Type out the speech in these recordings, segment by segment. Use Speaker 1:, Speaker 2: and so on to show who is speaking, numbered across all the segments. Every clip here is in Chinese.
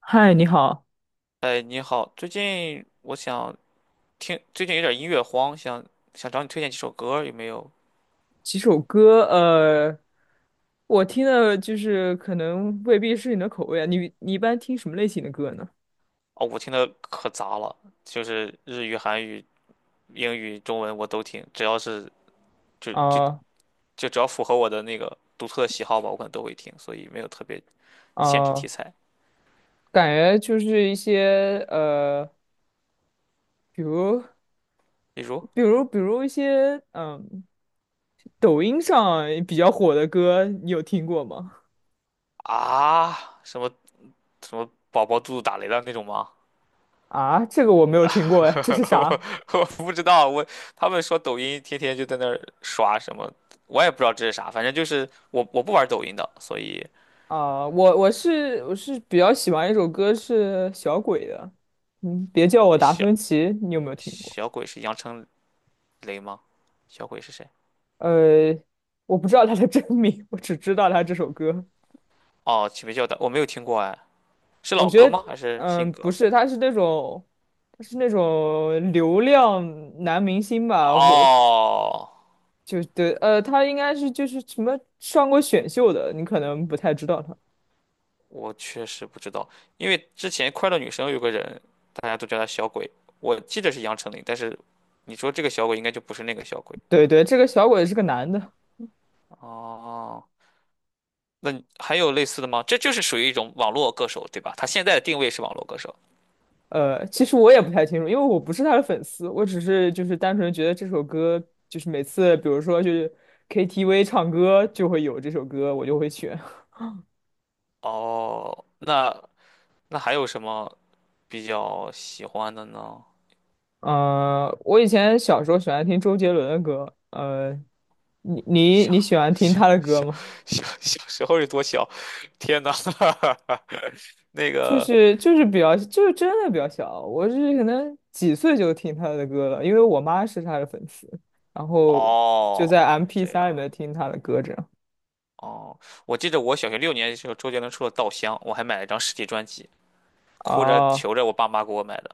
Speaker 1: 嗨，你好。
Speaker 2: 哎，你好，最近我想听，最近有点音乐荒，想找你推荐几首歌，有没有？
Speaker 1: 几首歌，我听的就是可能未必是你的口味啊。你一般听什么类型的歌呢？
Speaker 2: 哦，我听的可杂了，就是日语、韩语、英语、中文我都听，只要是就就
Speaker 1: 啊
Speaker 2: 就只要符合我的那个独特的喜好吧，我可能都会听，所以没有特别限制题
Speaker 1: 啊，
Speaker 2: 材。
Speaker 1: 感觉就是一些比如
Speaker 2: 比如
Speaker 1: 比如一些抖音上比较火的歌，你有听过吗？
Speaker 2: 啊，什么什么宝宝肚子打雷了那种吗？
Speaker 1: 啊，这个我没有听过哎，这是
Speaker 2: 我
Speaker 1: 啥？
Speaker 2: 我不知道，他们说抖音天天就在那儿刷什么，我也不知道这是啥，反正就是我不玩抖音的，所以
Speaker 1: 啊，我是比较喜欢一首歌是小鬼的，嗯，别叫我达
Speaker 2: 小
Speaker 1: 芬奇，你有没有听过？
Speaker 2: 小鬼是杨丞琳吗？小鬼是谁？
Speaker 1: 呃，我不知道他的真名，我只知道他这首歌。
Speaker 2: 哦，启明叫的我没有听过哎，是
Speaker 1: 我
Speaker 2: 老歌
Speaker 1: 觉
Speaker 2: 吗？
Speaker 1: 得，
Speaker 2: 还是新
Speaker 1: 嗯，不
Speaker 2: 歌？
Speaker 1: 是，他是那种，他是那种流量男明星吧？我
Speaker 2: 哦，
Speaker 1: 就对，他应该是就是什么上过选秀的，你可能不太知道他。
Speaker 2: 我确实不知道，因为之前快乐女生有个人，大家都叫他小鬼，我记得是杨丞琳，但是你说这个小鬼应该就不是那个小鬼。
Speaker 1: 对对，这个小鬼是个男的。
Speaker 2: 哦。那你还有类似的吗？这就是属于一种网络歌手，对吧？他现在的定位是网络歌手。
Speaker 1: 呃，其实我也不太清楚，因为我不是他的粉丝，我只是就是单纯觉得这首歌，就是每次比如说就是 KTV 唱歌就会有这首歌，我就会选。
Speaker 2: 哦，那还有什么比较喜欢的呢？
Speaker 1: 呃，我以前小时候喜欢听周杰伦的歌，你你
Speaker 2: 小
Speaker 1: 你喜欢听
Speaker 2: 小
Speaker 1: 他的歌
Speaker 2: 小
Speaker 1: 吗？
Speaker 2: 小时候有多小？天呐，那
Speaker 1: 就
Speaker 2: 个。
Speaker 1: 是就是比较就是真的比较小，我是可能几岁就听他的歌了，因为我妈是他的粉丝，然后就在
Speaker 2: 哦，
Speaker 1: m
Speaker 2: 是
Speaker 1: p
Speaker 2: 这
Speaker 1: 三
Speaker 2: 样。
Speaker 1: 里面听他的歌这样。
Speaker 2: 哦，我记得我小学六年级的时候，周杰伦出了《稻香》，我还买了一张实体专辑，哭着
Speaker 1: 啊，
Speaker 2: 求着我爸妈给我买的。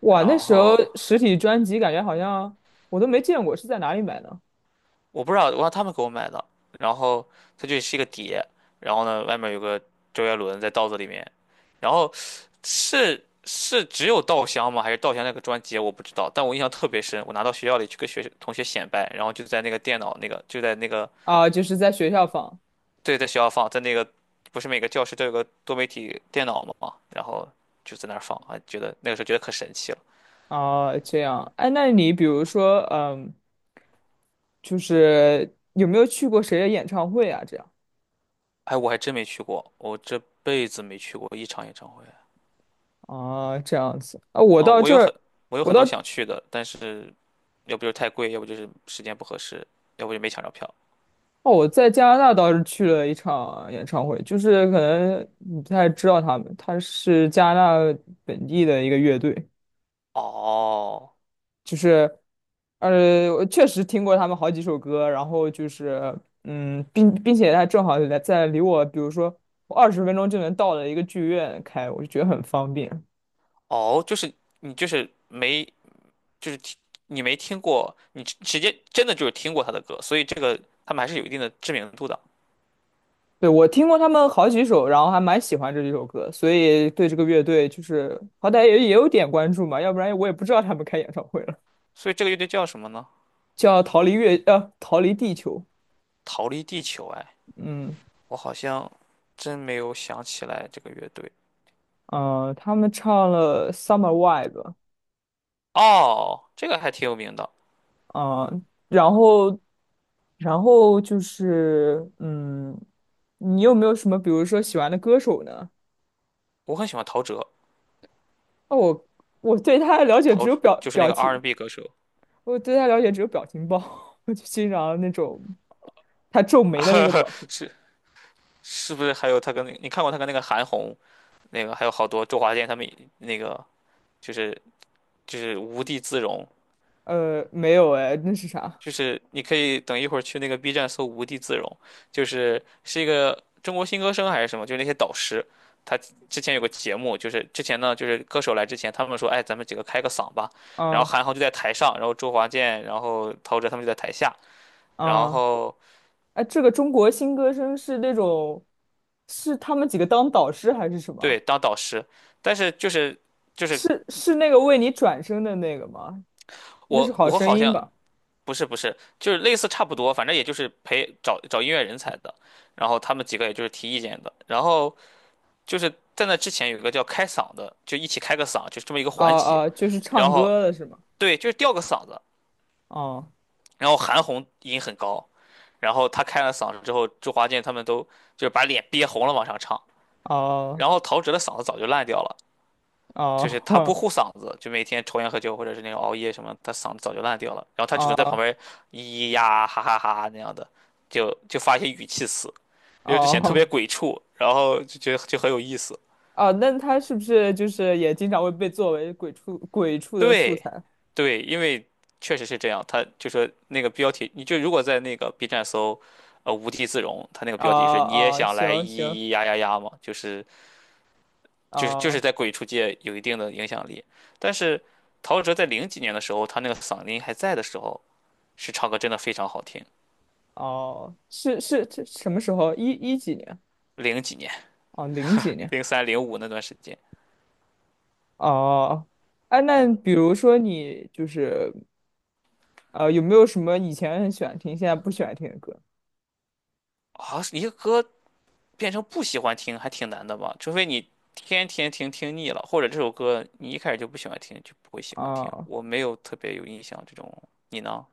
Speaker 1: 哇，
Speaker 2: 然
Speaker 1: 那时候
Speaker 2: 后
Speaker 1: 实体专辑感觉好像我都没见过，是在哪里买的？
Speaker 2: 我不知道，我让他们给我买的。然后它就是一个碟，然后呢，外面有个周杰伦在稻子里面。然后是是只有稻香吗？还是稻香那个专辑？我不知道，但我印象特别深。我拿到学校里去跟学同学显摆，然后就在那个电脑那个就在那个
Speaker 1: 啊，就是在学校放。
Speaker 2: 对，在学校放，在那个不是每个教室都有个多媒体电脑嘛，然后就在那儿放，啊，觉得那个时候觉得可神奇了。
Speaker 1: 啊，这样。哎，那你比如说，嗯，就是有没有去过谁的演唱会啊？这样
Speaker 2: 哎，我还真没去过，我这辈子没去过一场演唱会。
Speaker 1: 啊，这样子啊，我
Speaker 2: 嗯，
Speaker 1: 到
Speaker 2: 我
Speaker 1: 这
Speaker 2: 有
Speaker 1: 儿，
Speaker 2: 很我有
Speaker 1: 我
Speaker 2: 很
Speaker 1: 到
Speaker 2: 多想去的，但是。要不就是太贵，要不就是时间不合适，要不就没抢着票。
Speaker 1: 哦，我在加拿大倒是去了一场演唱会，就是可能你不太知道他们，他是加拿大本地的一个乐队，
Speaker 2: 哦
Speaker 1: 就是呃，我确实听过他们好几首歌，然后就是嗯，并且他正好在离我，比如说我20分钟就能到的一个剧院开，我就觉得很方便。
Speaker 2: 哦，就是你就是没就是听你没听过，你直直接真的就是听过他的歌，所以这个他们还是有一定的知名度的。
Speaker 1: 对，我听过他们好几首，然后还蛮喜欢这几首歌，所以对这个乐队就是好歹也有点关注嘛，要不然我也不知道他们开演唱会了。
Speaker 2: 所以这个乐队叫什么呢？
Speaker 1: 叫《逃离月》呃，《逃离地球》。
Speaker 2: 逃离地球。哎，
Speaker 1: 嗯，
Speaker 2: 我好像真没有想起来这个乐队。
Speaker 1: 呃，他们唱了《Summer Vibe》，
Speaker 2: 哦，这个还挺有名的，
Speaker 1: 啊，然后然后就是嗯，你有没有什么比如说喜欢的歌手呢？
Speaker 2: 我很喜欢陶喆，
Speaker 1: 哦，我我对他的了解只
Speaker 2: 陶
Speaker 1: 有表
Speaker 2: 就是那
Speaker 1: 表
Speaker 2: 个
Speaker 1: 情，
Speaker 2: R&B n 歌手，
Speaker 1: 我对他了解只有表情包，我就欣赏那种他皱眉的那个表情。
Speaker 2: 是是不是还有他跟那你看过他跟那个韩红，那个还有好多周华健他们那个就是无地自容，
Speaker 1: 没有哎，那是啥？
Speaker 2: 就是你可以等一会儿去那个 B 站搜“无地自容”，就是是一个中国新歌声还是什么，就是那些导师，他之前有个节目，就是之前呢，就是歌手来之前，他们说，哎，咱们几个开个嗓吧，然后
Speaker 1: 啊
Speaker 2: 韩寒就在台上，然后周华健，然后陶喆他们就在台下，然
Speaker 1: 啊，
Speaker 2: 后
Speaker 1: 哎，这个中国新歌声是那种，是他们几个当导师还是什
Speaker 2: 对
Speaker 1: 么？
Speaker 2: 当导师，但是就是
Speaker 1: 是那个为你转身的那个吗？那是
Speaker 2: 我
Speaker 1: 好
Speaker 2: 我
Speaker 1: 声
Speaker 2: 好
Speaker 1: 音
Speaker 2: 像。
Speaker 1: 吧？
Speaker 2: 不是不是，就是类似差不多，反正也就是陪找找音乐人才的，然后他们几个也就是提意见的，然后就是在那之前有一个叫开嗓的，就一起开个嗓，就这么一个
Speaker 1: 啊
Speaker 2: 环节。
Speaker 1: 啊，就是
Speaker 2: 然
Speaker 1: 唱
Speaker 2: 后
Speaker 1: 歌的是吗？
Speaker 2: 对，就是吊个嗓子，
Speaker 1: 哦。
Speaker 2: 然后韩红音很高，然后他开了嗓子之后，周华健他们都就是把脸憋红了往上唱。
Speaker 1: 哦
Speaker 2: 然后陶喆的嗓子早就烂掉了，就是他不
Speaker 1: 哦
Speaker 2: 护 嗓子，就每天抽烟喝酒或者是那种熬夜什么，他嗓子早就烂掉了。然后他只能在旁
Speaker 1: 哦
Speaker 2: 边咿咿呀哈哈哈那样的，就发一些语气词，然后就显得特
Speaker 1: 哦
Speaker 2: 别鬼畜，然后就觉得就很有意思。
Speaker 1: 哦，那他是不是就是也经常会被作为鬼畜的素
Speaker 2: 对，
Speaker 1: 材？
Speaker 2: 对，因为确实是这样。他就说那个标题，你就如果在那个 B 站搜，呃，无地自容，他那个
Speaker 1: 啊
Speaker 2: 标题是“你也
Speaker 1: 啊，
Speaker 2: 想来咿
Speaker 1: 行行，
Speaker 2: 咿呀呀呀”嘛，就是
Speaker 1: 啊，
Speaker 2: 在鬼畜界有一定的影响力。但是陶喆在零几年的时候，他那个嗓音还在的时候，是唱歌真的非常好听。
Speaker 1: 哦，是是这什么时候？几年？
Speaker 2: 零几年，
Speaker 1: 哦，零几年。
Speaker 2: 零三零五那段时间
Speaker 1: 哦，哎，那比如说你就是有没有什么以前很喜欢听，现在不喜欢听的歌？
Speaker 2: 啊，一个歌变成不喜欢听还挺难的吧？除非你天天听听腻了，或者这首歌你一开始就不喜欢听，就不会喜欢听。
Speaker 1: 啊？
Speaker 2: 我没有特别有印象这种，你呢？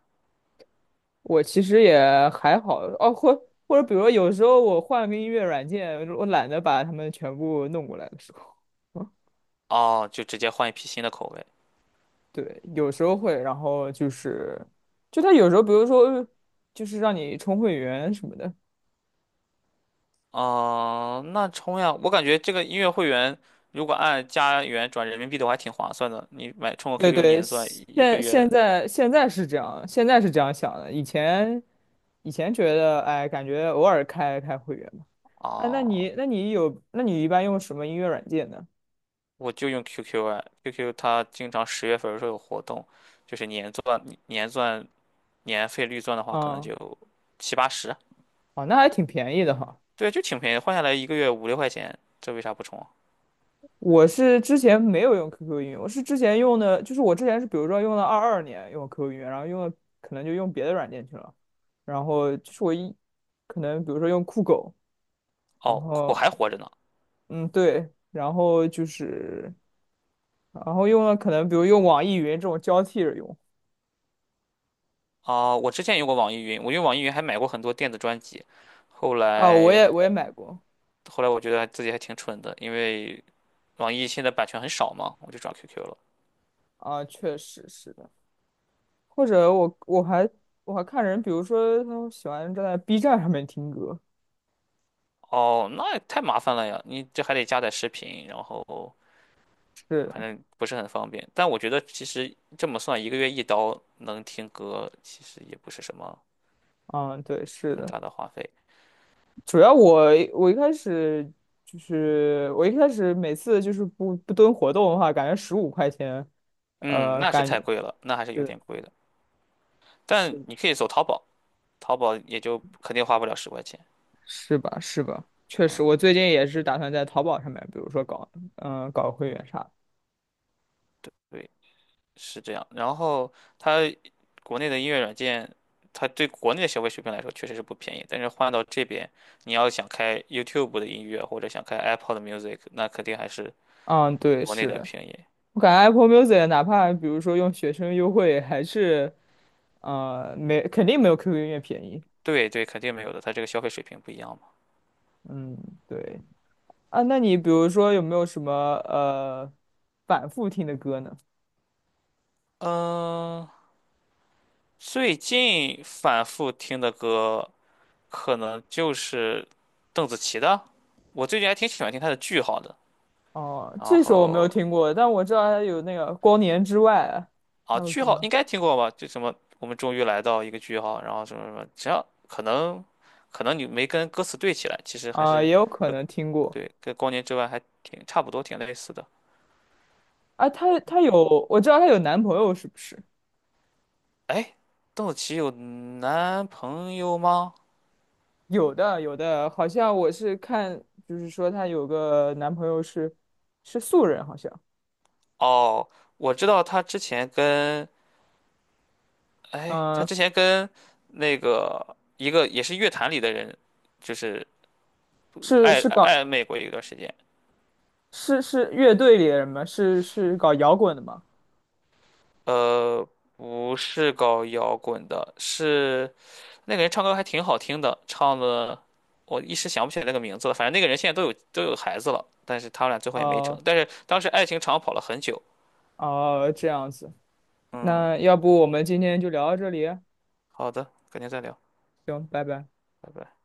Speaker 1: 我其实也还好哦，或者比如说有时候我换个音乐软件，我懒得把它们全部弄过来的时候，
Speaker 2: 哦，就直接换一批新的口味。
Speaker 1: 对，有时候会，然后就是就他有时候，比如说就是让你充会员什么的，
Speaker 2: 哦，那充呀！我感觉这个音乐会员如果按加元转人民币的话，还挺划算的。你买充个
Speaker 1: 对
Speaker 2: QQ
Speaker 1: 对，
Speaker 2: 年钻，一个月
Speaker 1: 现在是这样，现在是这样想的。以前觉得，哎，感觉偶尔开开会员嘛。哎，那你
Speaker 2: 啊？
Speaker 1: 那你有那你一般用什么音乐软件呢？
Speaker 2: 我就用 QQ 啊 q q 它经常十月份的时候有活动，就是年钻、年费率钻的话，可能
Speaker 1: 嗯，
Speaker 2: 就七八十。
Speaker 1: 哦，那还挺便宜的哈。
Speaker 2: 对，就挺便宜，换下来一个月五六块钱，这为啥不充啊？
Speaker 1: 我是之前没有用 QQ 音乐，我是之前用的，就是我之前是比如说用了22年用 QQ 音乐，然后用了可能就用别的软件去了，然后就是可能比如说用酷狗，然
Speaker 2: 哦，我
Speaker 1: 后
Speaker 2: 还活着呢。
Speaker 1: 嗯对，然后就是。然后用了可能比如用网易云这种交替着用。
Speaker 2: 啊，我之前用过网易云，我用网易云还买过很多电子专辑，后
Speaker 1: 啊，我
Speaker 2: 来
Speaker 1: 也我也买过。
Speaker 2: 后来我觉得自己还挺蠢的，因为网易现在版权很少嘛，我就转 QQ 了。
Speaker 1: 啊，确实是的。或者我还看人，比如说他们喜欢站在 B 站上面听歌。
Speaker 2: 哦，那也太麻烦了呀，你这还得加载视频，然后
Speaker 1: 是
Speaker 2: 反
Speaker 1: 的，
Speaker 2: 正不是很方便。但我觉得其实这么算，一个月一刀能听歌，其实也不是什么
Speaker 1: 嗯，对，是
Speaker 2: 很
Speaker 1: 的。
Speaker 2: 大的花费。
Speaker 1: 主要我一开始我一开始每次就是不不蹲活动的话，感觉15块钱，
Speaker 2: 嗯，
Speaker 1: 呃，
Speaker 2: 那是
Speaker 1: 感觉
Speaker 2: 太贵了，那还是有
Speaker 1: 是，
Speaker 2: 点贵的。但
Speaker 1: 是，
Speaker 2: 你可以走淘宝，淘宝也就肯定花不了十块钱。
Speaker 1: 是吧是吧？确实，
Speaker 2: 嗯，
Speaker 1: 我最近也是打算在淘宝上面，比如说搞嗯、搞会员啥的。
Speaker 2: 对，是这样。然后它国内的音乐软件，它对国内的消费水平来说确实是不便宜，但是换到这边，你要想开 YouTube 的音乐或者想开 Apple 的 Music，那肯定还是
Speaker 1: 嗯，对，
Speaker 2: 国内的
Speaker 1: 是。
Speaker 2: 便宜。
Speaker 1: 我感觉 Apple Music 哪怕比如说用学生优惠，还是没，肯定没有 QQ 音乐便宜。
Speaker 2: 对对，肯定没有的，它这个消费水平不一样嘛。
Speaker 1: 嗯，对，啊，那你比如说有没有什么呃反复听的歌呢？
Speaker 2: 嗯，最近反复听的歌可能就是邓紫棋的，我最近还挺喜欢听她的《句号》的。
Speaker 1: 哦，
Speaker 2: 然
Speaker 1: 这首我没有
Speaker 2: 后
Speaker 1: 听过，但我知道它有那个《光年之外》，还
Speaker 2: 啊，
Speaker 1: 有
Speaker 2: 句
Speaker 1: 什
Speaker 2: 号
Speaker 1: 么
Speaker 2: 应该听过吧？就什么我们终于来到一个句号，然后什么什么，只要可能你没跟歌词对起来，其实还
Speaker 1: 啊、也
Speaker 2: 是
Speaker 1: 有可能听过。
Speaker 2: 对跟光年之外还挺差不多，挺类似的。
Speaker 1: 啊。她有，我知道她有男朋友是不是？
Speaker 2: 哎，邓紫棋有男朋友吗？
Speaker 1: 有的有的，好像我是看，就是说她有个男朋友是是素人，好像。
Speaker 2: 哦，我知道她之前跟哎，她
Speaker 1: 嗯，
Speaker 2: 之前跟那个一个也是乐坛里的人，就是
Speaker 1: 是
Speaker 2: 暧
Speaker 1: 是搞
Speaker 2: 暧昧过一段时间。
Speaker 1: 是是乐队里的人吗？是是搞摇滚的吗？
Speaker 2: 呃，不是搞摇滚的，是。那个人唱歌还挺好听的，唱的我一时想不起来那个名字了。反正那个人现在都有孩子了，但是他们俩最后也没成。
Speaker 1: 哦，
Speaker 2: 但是当时爱情长跑了很久。
Speaker 1: 哦，这样子，
Speaker 2: 嗯，
Speaker 1: 那要不我们今天就聊到这里啊？
Speaker 2: 好的，改天再聊，
Speaker 1: 行，拜拜。
Speaker 2: 拜拜。